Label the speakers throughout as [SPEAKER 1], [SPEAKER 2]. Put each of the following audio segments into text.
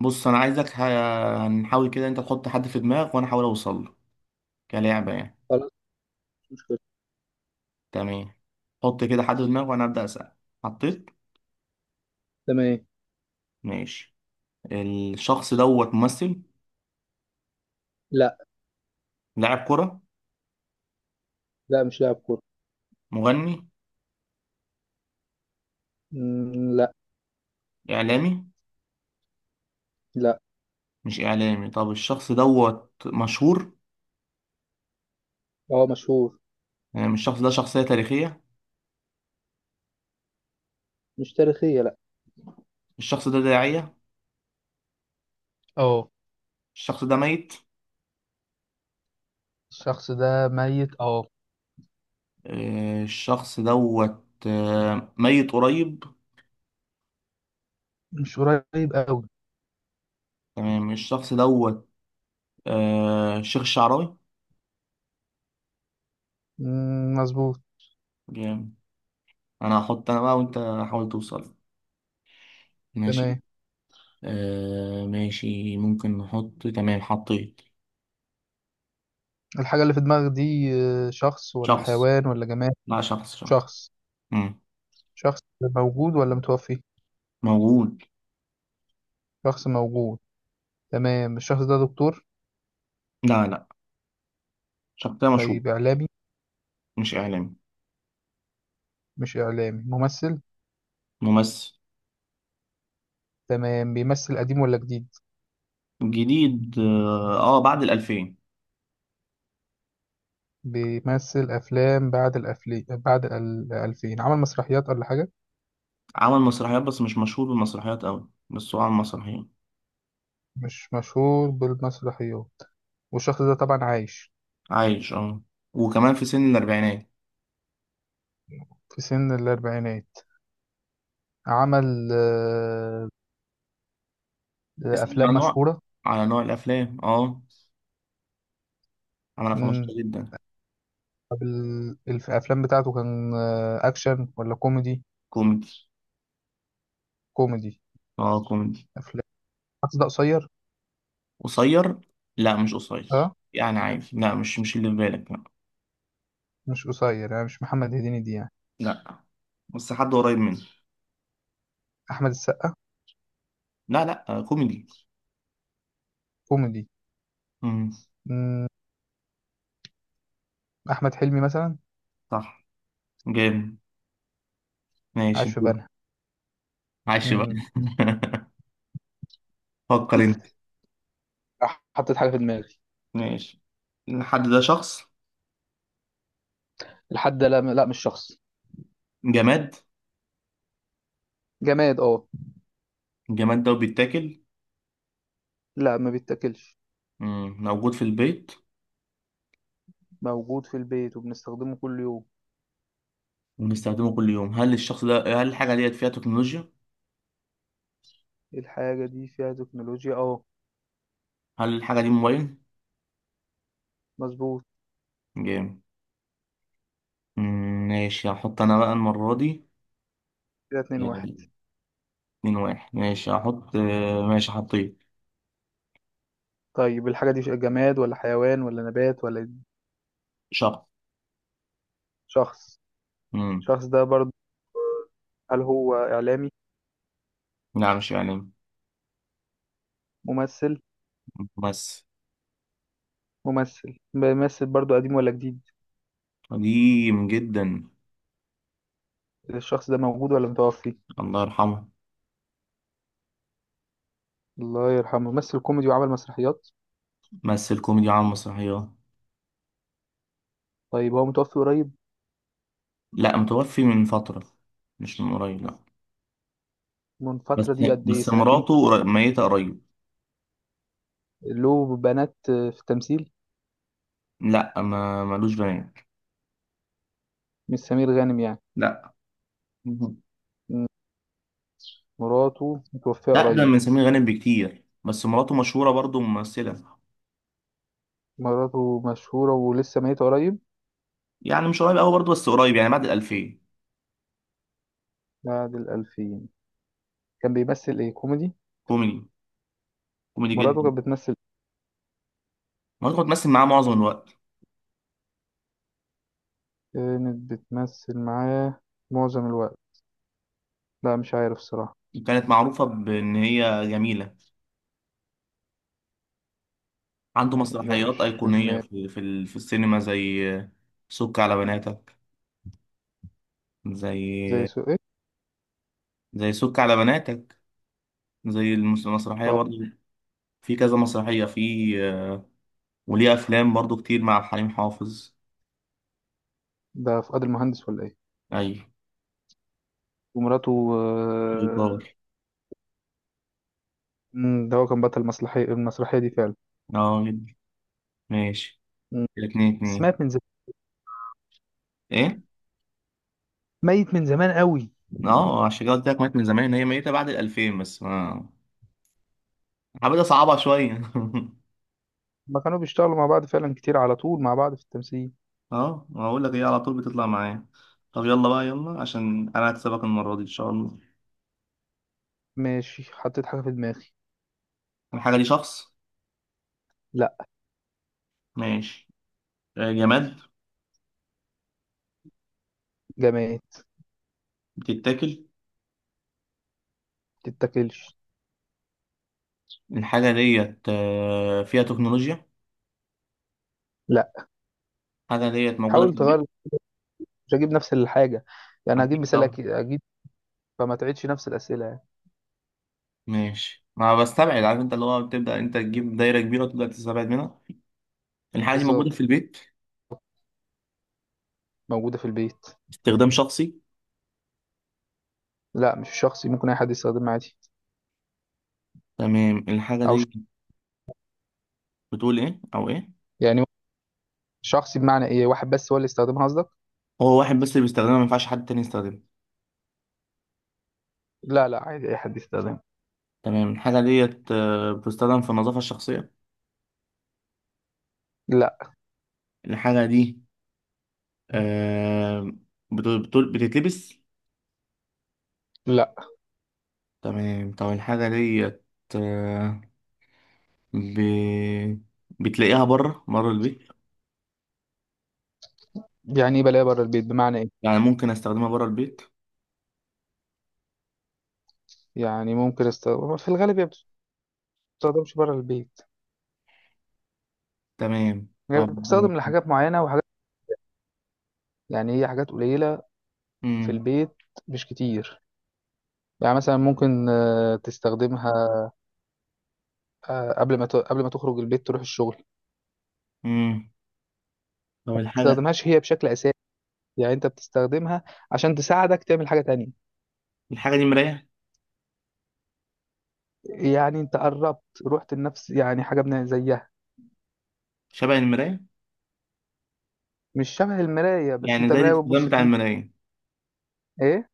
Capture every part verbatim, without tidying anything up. [SPEAKER 1] بص انا عايزك ه- هنحاول كده انت تحط حد في دماغك وانا احاول اوصل له كلعبه يعني.
[SPEAKER 2] خلاص. مش مشكلة.
[SPEAKER 1] تمام. حط كده حد في دماغك وانا ابدا اسال. حطيت.
[SPEAKER 2] تمام.
[SPEAKER 1] ماشي. الشخص دوت ممثل؟
[SPEAKER 2] لا،
[SPEAKER 1] لاعب كره؟
[SPEAKER 2] لا، مش لاعب كورة.
[SPEAKER 1] مغني؟
[SPEAKER 2] مم، لا.
[SPEAKER 1] اعلامي؟
[SPEAKER 2] لا.
[SPEAKER 1] مش اعلامي. طب الشخص دوت مشهور؟
[SPEAKER 2] هو مشهور.
[SPEAKER 1] يعني مش الشخص ده شخصيه تاريخيه؟
[SPEAKER 2] مش تاريخية، لا.
[SPEAKER 1] الشخص ده داعيه؟
[SPEAKER 2] اه.
[SPEAKER 1] الشخص ده ميت؟
[SPEAKER 2] الشخص ده ميت، اه.
[SPEAKER 1] آه، الشخص دوت آه، ميت قريب؟
[SPEAKER 2] مش قريب قوي.
[SPEAKER 1] تمام. الشخص دوت آه، شيخ الشعراوي.
[SPEAKER 2] مم، مظبوط.
[SPEAKER 1] جامد. انا هحط انا بقى وانت حاول توصل.
[SPEAKER 2] تمام.
[SPEAKER 1] ماشي. آه ماشي. ممكن نحط. تمام. حطيت.
[SPEAKER 2] الحاجة اللي في دماغك دي آه، شخص ولا
[SPEAKER 1] شخص.
[SPEAKER 2] حيوان ولا جماد؟
[SPEAKER 1] لا، شخص، شخص.
[SPEAKER 2] شخص.
[SPEAKER 1] مم.
[SPEAKER 2] شخص موجود ولا متوفي؟
[SPEAKER 1] موجود.
[SPEAKER 2] شخص موجود. تمام. الشخص ده دكتور؟
[SPEAKER 1] لا، لا، شخصية مشهور.
[SPEAKER 2] طيب، إعلامي؟
[SPEAKER 1] مش إعلامي.
[SPEAKER 2] مش إعلامي، ممثل؟
[SPEAKER 1] ممثل.
[SPEAKER 2] تمام. بيمثل قديم ولا جديد؟
[SPEAKER 1] جديد. اه. آه، بعد الألفين.
[SPEAKER 2] بيمثل أفلام بعد الأفلي بعد الألفين. عمل مسرحيات ولا حاجة؟
[SPEAKER 1] عمل مسرحيات بس مش مشهور بالمسرحيات أوي، بس هو عمل مسرحيات.
[SPEAKER 2] مش مشهور بالمسرحيات. والشخص ده طبعا عايش.
[SPEAKER 1] عايش، اه. وكمان في سن الأربعينات.
[SPEAKER 2] في سن الأربعينات. عمل آه،
[SPEAKER 1] اسأل على
[SPEAKER 2] أفلام
[SPEAKER 1] نوع.
[SPEAKER 2] مشهورة.
[SPEAKER 1] على نوع الأفلام، اه. عمل أفلام
[SPEAKER 2] مم.
[SPEAKER 1] مشهورة جدا.
[SPEAKER 2] طب ال- الف- الأفلام بتاعته كان آه، أكشن ولا كوميدي؟
[SPEAKER 1] كوميدي.
[SPEAKER 2] كوميدي.
[SPEAKER 1] اه، كوميدي.
[SPEAKER 2] أفلام. الشخص ده قصير؟
[SPEAKER 1] قصير؟ لا، مش قصير،
[SPEAKER 2] أه.
[SPEAKER 1] يعني عادي. لا، مش مش اللي في بالك، لا.
[SPEAKER 2] مش قصير يعني، مش محمد هديني دي يعني.
[SPEAKER 1] لا، بس حد قريب مني.
[SPEAKER 2] أحمد السقا؟
[SPEAKER 1] لا، لا، آه، كوميدي.
[SPEAKER 2] كوميدي.
[SPEAKER 1] امم.
[SPEAKER 2] مم. أحمد حلمي مثلا؟
[SPEAKER 1] صح. جامد. ماشي،
[SPEAKER 2] عايش في
[SPEAKER 1] دور.
[SPEAKER 2] بنها.
[SPEAKER 1] عايش بقى.
[SPEAKER 2] مم.
[SPEAKER 1] فكر انت.
[SPEAKER 2] راح حطيت حاجة في دماغي.
[SPEAKER 1] ماشي. الحد ده شخص؟
[SPEAKER 2] الحد، لا، لا، مش شخص.
[SPEAKER 1] جماد؟
[SPEAKER 2] جماد، اه.
[SPEAKER 1] الجماد ده بيتاكل؟
[SPEAKER 2] لا، ما بيتاكلش.
[SPEAKER 1] مم. موجود في البيت
[SPEAKER 2] موجود في البيت وبنستخدمه كل يوم.
[SPEAKER 1] وبنستخدمه كل يوم؟ هل الشخص ده هل الحاجة ديت فيها تكنولوجيا؟
[SPEAKER 2] إيه؟ الحاجة دي فيها تكنولوجيا، اه.
[SPEAKER 1] هل الحاجة دي موبايل؟
[SPEAKER 2] مظبوط.
[SPEAKER 1] جامد. مم، ماشي، هحط انا بقى المرة دي.
[SPEAKER 2] كده اتنين
[SPEAKER 1] آه،
[SPEAKER 2] واحد
[SPEAKER 1] اتنين واحد. ماشي، هحط. آه، ماشي. حطيت.
[SPEAKER 2] طيب الحاجة دي جماد ولا حيوان ولا نبات ولا؟
[SPEAKER 1] شخص.
[SPEAKER 2] شخص.
[SPEAKER 1] امم.
[SPEAKER 2] الشخص ده برضو، هل هو إعلامي؟
[SPEAKER 1] لا، مش إعلامي.
[SPEAKER 2] ممثل.
[SPEAKER 1] ممثل.
[SPEAKER 2] ممثل، بيمثل برضو قديم ولا جديد؟
[SPEAKER 1] قديم جدا.
[SPEAKER 2] الشخص ده موجود ولا متوفي؟
[SPEAKER 1] الله يرحمه.
[SPEAKER 2] الله يرحمه. ممثل كوميدي وعمل مسرحيات؟
[SPEAKER 1] مثل كوميدي على المسرحيات.
[SPEAKER 2] طيب هو متوفي قريب؟
[SPEAKER 1] لا، متوفي من فترة. مش من قريب، لا.
[SPEAKER 2] من
[SPEAKER 1] بس
[SPEAKER 2] فترة، دي قد ايه،
[SPEAKER 1] بس
[SPEAKER 2] سنتين؟
[SPEAKER 1] مراته قر- ميتة قريب.
[SPEAKER 2] له بنات في التمثيل؟
[SPEAKER 1] لا، ما ملوش بنات.
[SPEAKER 2] مش سمير غانم يعني؟
[SPEAKER 1] لا. مهم.
[SPEAKER 2] م- مراته متوفية
[SPEAKER 1] أقدم
[SPEAKER 2] قريب؟
[SPEAKER 1] من سمير غانم بكتير، بس مراته مشهورة برضه ممثلة.
[SPEAKER 2] مراته مشهورة ولسه ميتة قريب؟
[SPEAKER 1] يعني مش قريب أوي برضه، بس قريب يعني بعد الألفين.
[SPEAKER 2] بعد الألفين. كان بيمثل ايه، كوميدي؟
[SPEAKER 1] كوميدي. كوميدي
[SPEAKER 2] مراته
[SPEAKER 1] جدا.
[SPEAKER 2] كانت بتمثل؟
[SPEAKER 1] مراته كانت بتمثل معاه معظم الوقت.
[SPEAKER 2] إيه؟ كانت بتمثل معاه معظم الوقت؟ لا، مش عارف الصراحة.
[SPEAKER 1] وكانت معروفة بإن هي جميلة. عنده
[SPEAKER 2] لا،
[SPEAKER 1] مسرحيات
[SPEAKER 2] مش في
[SPEAKER 1] أيقونية
[SPEAKER 2] دماغي.
[SPEAKER 1] في في ال- في السينما زي سك على بناتك.
[SPEAKER 2] زي
[SPEAKER 1] زي،
[SPEAKER 2] سوق ايه؟
[SPEAKER 1] زي سك على بناتك. زي المس- المسرحية
[SPEAKER 2] اه.
[SPEAKER 1] برضو. في كذا مسرحية في. وليه أفلام برضو كتير مع حليم حافظ.
[SPEAKER 2] ده فؤاد المهندس ولا ايه؟
[SPEAKER 1] أي.
[SPEAKER 2] ومراته آه،
[SPEAKER 1] جبار.
[SPEAKER 2] مم، ده هو كان بطل المسرحية المسرحية دي فعلا؟
[SPEAKER 1] اه، جد. ماشي.
[SPEAKER 2] مم.
[SPEAKER 1] كده اتنين
[SPEAKER 2] بس
[SPEAKER 1] اتنين.
[SPEAKER 2] مات من زمان.
[SPEAKER 1] ايه؟
[SPEAKER 2] ميت من زمان قوي.
[SPEAKER 1] اه، عشان كده قلت لك مات من زمان. هي ميتة بعد الألفين بس ما حبيت أصعبها شوية
[SPEAKER 2] ما كانوا بيشتغلوا مع بعض فعلا كتير، على طول مع بعض في التمثيل.
[SPEAKER 1] اه، ما أقول لك هي على طول بتطلع معايا. طب يلا بقى، يلا، عشان أنا هكسبك المرة دي إن شاء الله.
[SPEAKER 2] ماشي، حطيت حاجة في دماغي.
[SPEAKER 1] الحاجة دي شخص؟
[SPEAKER 2] لا.
[SPEAKER 1] ماشي. آه، جماد؟
[SPEAKER 2] جماد.
[SPEAKER 1] بتتاكل؟
[SPEAKER 2] تتاكلش.
[SPEAKER 1] الحاجة ديت آه، فيها تكنولوجيا؟
[SPEAKER 2] لا.
[SPEAKER 1] الحاجة ديت موجودة في
[SPEAKER 2] حاول تغير.
[SPEAKER 1] البيت؟
[SPEAKER 2] مش هجيب نفس الحاجة. يعني هجيب
[SPEAKER 1] أكيد
[SPEAKER 2] مثال،
[SPEAKER 1] طبعا.
[SPEAKER 2] أكيد أجيب. فما تعيدش نفس الأسئلة يعني.
[SPEAKER 1] ماشي، ما بستبعد، عارف أنت، اللي هو بتبدأ أنت تجيب دايرة كبيرة وتبدأ تستبعد منها. الحاجة دي موجودة
[SPEAKER 2] بالظبط.
[SPEAKER 1] في البيت؟
[SPEAKER 2] موجودة في البيت.
[SPEAKER 1] استخدام شخصي؟
[SPEAKER 2] لا، مش شخصي، ممكن أي حد يستخدمها عادي.
[SPEAKER 1] تمام. الحاجة
[SPEAKER 2] أو ش...
[SPEAKER 1] دي بتقول إيه، أو إيه؟
[SPEAKER 2] يعني، شخصي بمعنى إيه، واحد بس هو اللي يستخدمها قصدك؟
[SPEAKER 1] هو واحد بس اللي بيستخدمها، ما ينفعش حد تاني يستخدمها؟
[SPEAKER 2] لا، لا، عادي أي حد يستخدمها.
[SPEAKER 1] تمام. الحاجة ديت آه، بتستخدم في النظافة الشخصية؟
[SPEAKER 2] لا.
[SPEAKER 1] الحاجة دي آه، بت- بت- بتتلبس؟
[SPEAKER 2] لا.
[SPEAKER 1] تمام، طب الحاجة ديت آه، ب... بتلاقيها بره بره البيت؟
[SPEAKER 2] يعني إيه بلاقيها بره البيت، بمعنى إيه؟
[SPEAKER 1] يعني ممكن استخدمها بره البيت؟
[SPEAKER 2] يعني ممكن استخدم، في الغالب هي ما بتستخدمش بره البيت.
[SPEAKER 1] تمام،
[SPEAKER 2] يعني
[SPEAKER 1] طب.
[SPEAKER 2] بتستخدم لحاجات معينة وحاجات. يعني هي حاجات قليلة. في
[SPEAKER 1] امم.
[SPEAKER 2] البيت. مش كتير. يعني مثلا ممكن آه، تستخدمها. آه، قبل ما ت... قبل ما تخرج البيت تروح الشغل ما
[SPEAKER 1] امم، طب الحاجة
[SPEAKER 2] تستخدمهاش هي بشكل أساسي. يعني انت بتستخدمها عشان تساعدك تعمل حاجة تانية.
[SPEAKER 1] الحاجة دي مراية؟
[SPEAKER 2] يعني انت قربت، رحت لنفس يعني حاجة من زيها.
[SPEAKER 1] شبه المراية؟
[SPEAKER 2] مش شبه المراية، بس
[SPEAKER 1] يعني
[SPEAKER 2] انت
[SPEAKER 1] زي
[SPEAKER 2] مراية
[SPEAKER 1] الاستخدام
[SPEAKER 2] بتبص
[SPEAKER 1] بتاع
[SPEAKER 2] فيه.
[SPEAKER 1] المراية؟
[SPEAKER 2] ايه.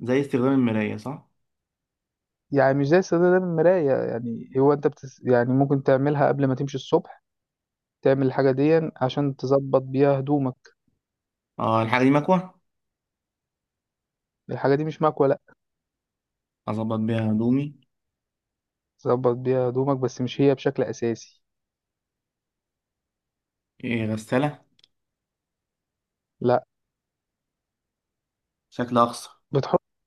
[SPEAKER 1] زي استخدام المراية، صح؟
[SPEAKER 2] يعني مش زي استخدام المراية، يعني هو انت بتس... يعني ممكن تعملها قبل ما تمشي الصبح. تعمل الحاجة دي عشان تظبط بيها هدومك.
[SPEAKER 1] اه، الحاجة دي مكوة؟
[SPEAKER 2] الحاجة دي مش مكوة، لا.
[SPEAKER 1] اظبط بيها هدومي؟
[SPEAKER 2] تظبط بيها هدومك، بس مش هي بشكل أساسي.
[SPEAKER 1] إيه، غسالة؟
[SPEAKER 2] لا.
[SPEAKER 1] شكلها اقصر.
[SPEAKER 2] بتحطها.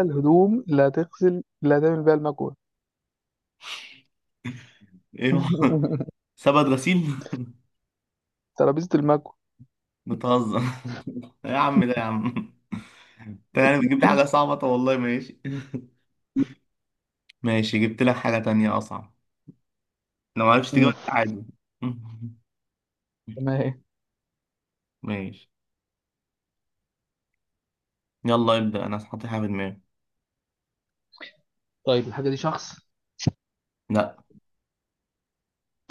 [SPEAKER 2] الهدوم اللي هتغسل، اللي هتعمل بيها المكوة.
[SPEAKER 1] ايه هو؟ سبت غسيل؟
[SPEAKER 2] ترابيزة المكوة.
[SPEAKER 1] بتهزر. يا عم ده، يا عم. انت يعني بتجيب لي حاجة صعبة، طب والله ماشي. ماشي، جبت لك حاجة تانية اصعب. لو معرفتش تجيبها،
[SPEAKER 2] امم.
[SPEAKER 1] عادي.
[SPEAKER 2] تمام.
[SPEAKER 1] ماشي. يلا ابدأ، انا هحط حاجة في دماغي.
[SPEAKER 2] طيب الحاجة دي شخص؟
[SPEAKER 1] لا.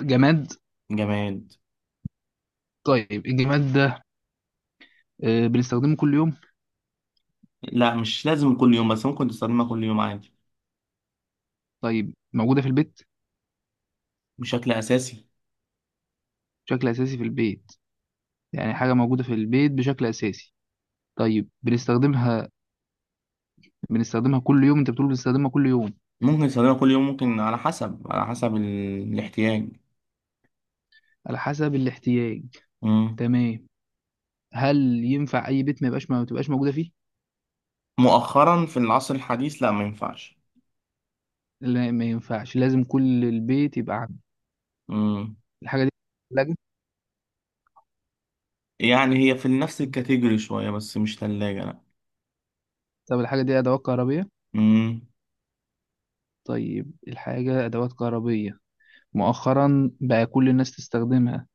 [SPEAKER 2] جماد.
[SPEAKER 1] جماد.
[SPEAKER 2] طيب الجماد ده آه، بنستخدمه كل يوم؟
[SPEAKER 1] لا، مش لازم كل يوم، بس ممكن تستخدمها كل يوم عادي.
[SPEAKER 2] طيب، موجودة في البيت؟
[SPEAKER 1] بشكل أساسي.
[SPEAKER 2] بشكل أساسي في البيت. يعني حاجة موجودة في البيت بشكل أساسي. طيب بنستخدمها. بنستخدمها كل يوم، أنت بتقول بنستخدمها كل يوم؟
[SPEAKER 1] ممكن تستخدمها كل يوم، ممكن على حسب على حسب ال... الاحتياج.
[SPEAKER 2] على حسب الاحتياج.
[SPEAKER 1] مم.
[SPEAKER 2] تمام. هل ينفع أي بيت ما يبقاش ما تبقاش موجودة فيه؟
[SPEAKER 1] مؤخرا في العصر الحديث، لا، ما ينفعش.
[SPEAKER 2] لا، ما ينفعش، لازم كل البيت يبقى عنده.
[SPEAKER 1] مم.
[SPEAKER 2] الحاجة دي ثلاجة؟
[SPEAKER 1] يعني هي في نفس الكاتيجوري شوية، بس مش تلاجة، لا.
[SPEAKER 2] طب الحاجة دي أدوات كهربية؟
[SPEAKER 1] مم.
[SPEAKER 2] طيب الحاجة أدوات كهربية. مؤخرا بقى كل الناس تستخدمها.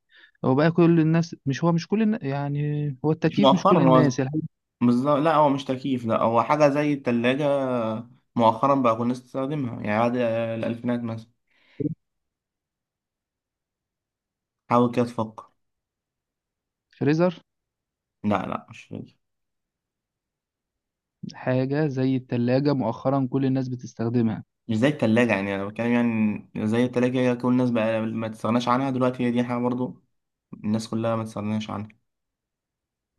[SPEAKER 2] هو بقى كل الناس، مش هو، مش كل الناس، يعني هو
[SPEAKER 1] مش
[SPEAKER 2] التكييف مش
[SPEAKER 1] مؤخرا
[SPEAKER 2] كل
[SPEAKER 1] هو
[SPEAKER 2] الناس الحاجة.
[SPEAKER 1] بالظبط. لا، هو مش تكييف، لا. هو حاجة زي التلاجة. مؤخرا بقى كنا نستخدمها يعني بعد الألفينات مثلا. حاول كده تفكر.
[SPEAKER 2] الفريزر؟
[SPEAKER 1] لا، لا، مش فاكر.
[SPEAKER 2] حاجة زي التلاجة مؤخرا كل الناس بتستخدمها.
[SPEAKER 1] مش زي التلاجة، يعني أنا بتكلم يعني زي التلاجة كل الناس بقى ما تستغناش عنها دلوقتي. هي دي حاجة برضو الناس كلها ما تستغناش عنها.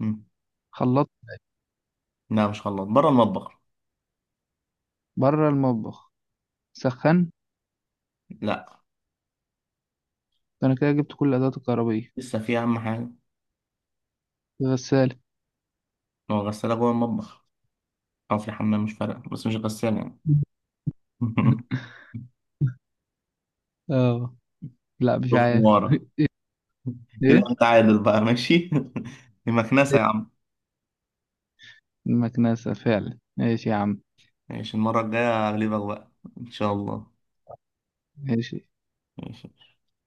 [SPEAKER 1] مم.
[SPEAKER 2] خلاط؟
[SPEAKER 1] لا، مش خلاط، بره المطبخ.
[SPEAKER 2] بره المطبخ. سخن؟
[SPEAKER 1] لا.
[SPEAKER 2] أنا كده جبت كل الأدوات الكهربائية.
[SPEAKER 1] لسه في أهم حاجة.
[SPEAKER 2] غسالة؟
[SPEAKER 1] ما هو غسالة جوه المطبخ، أو في الحمام مش فارقة، بس مش غسالة يعني.
[SPEAKER 2] اه. لا، مش
[SPEAKER 1] روح
[SPEAKER 2] عارف.
[SPEAKER 1] ورا. كده
[SPEAKER 2] ايه؟
[SPEAKER 1] أنت عادل بقى، ماشي. دي مكنسة يا عم.
[SPEAKER 2] المكنسة، فعلا ماشي يا عم.
[SPEAKER 1] ماشي، المرة الجاية أغلبك بقى إن شاء الله.
[SPEAKER 2] ماشي.
[SPEAKER 1] ماشي.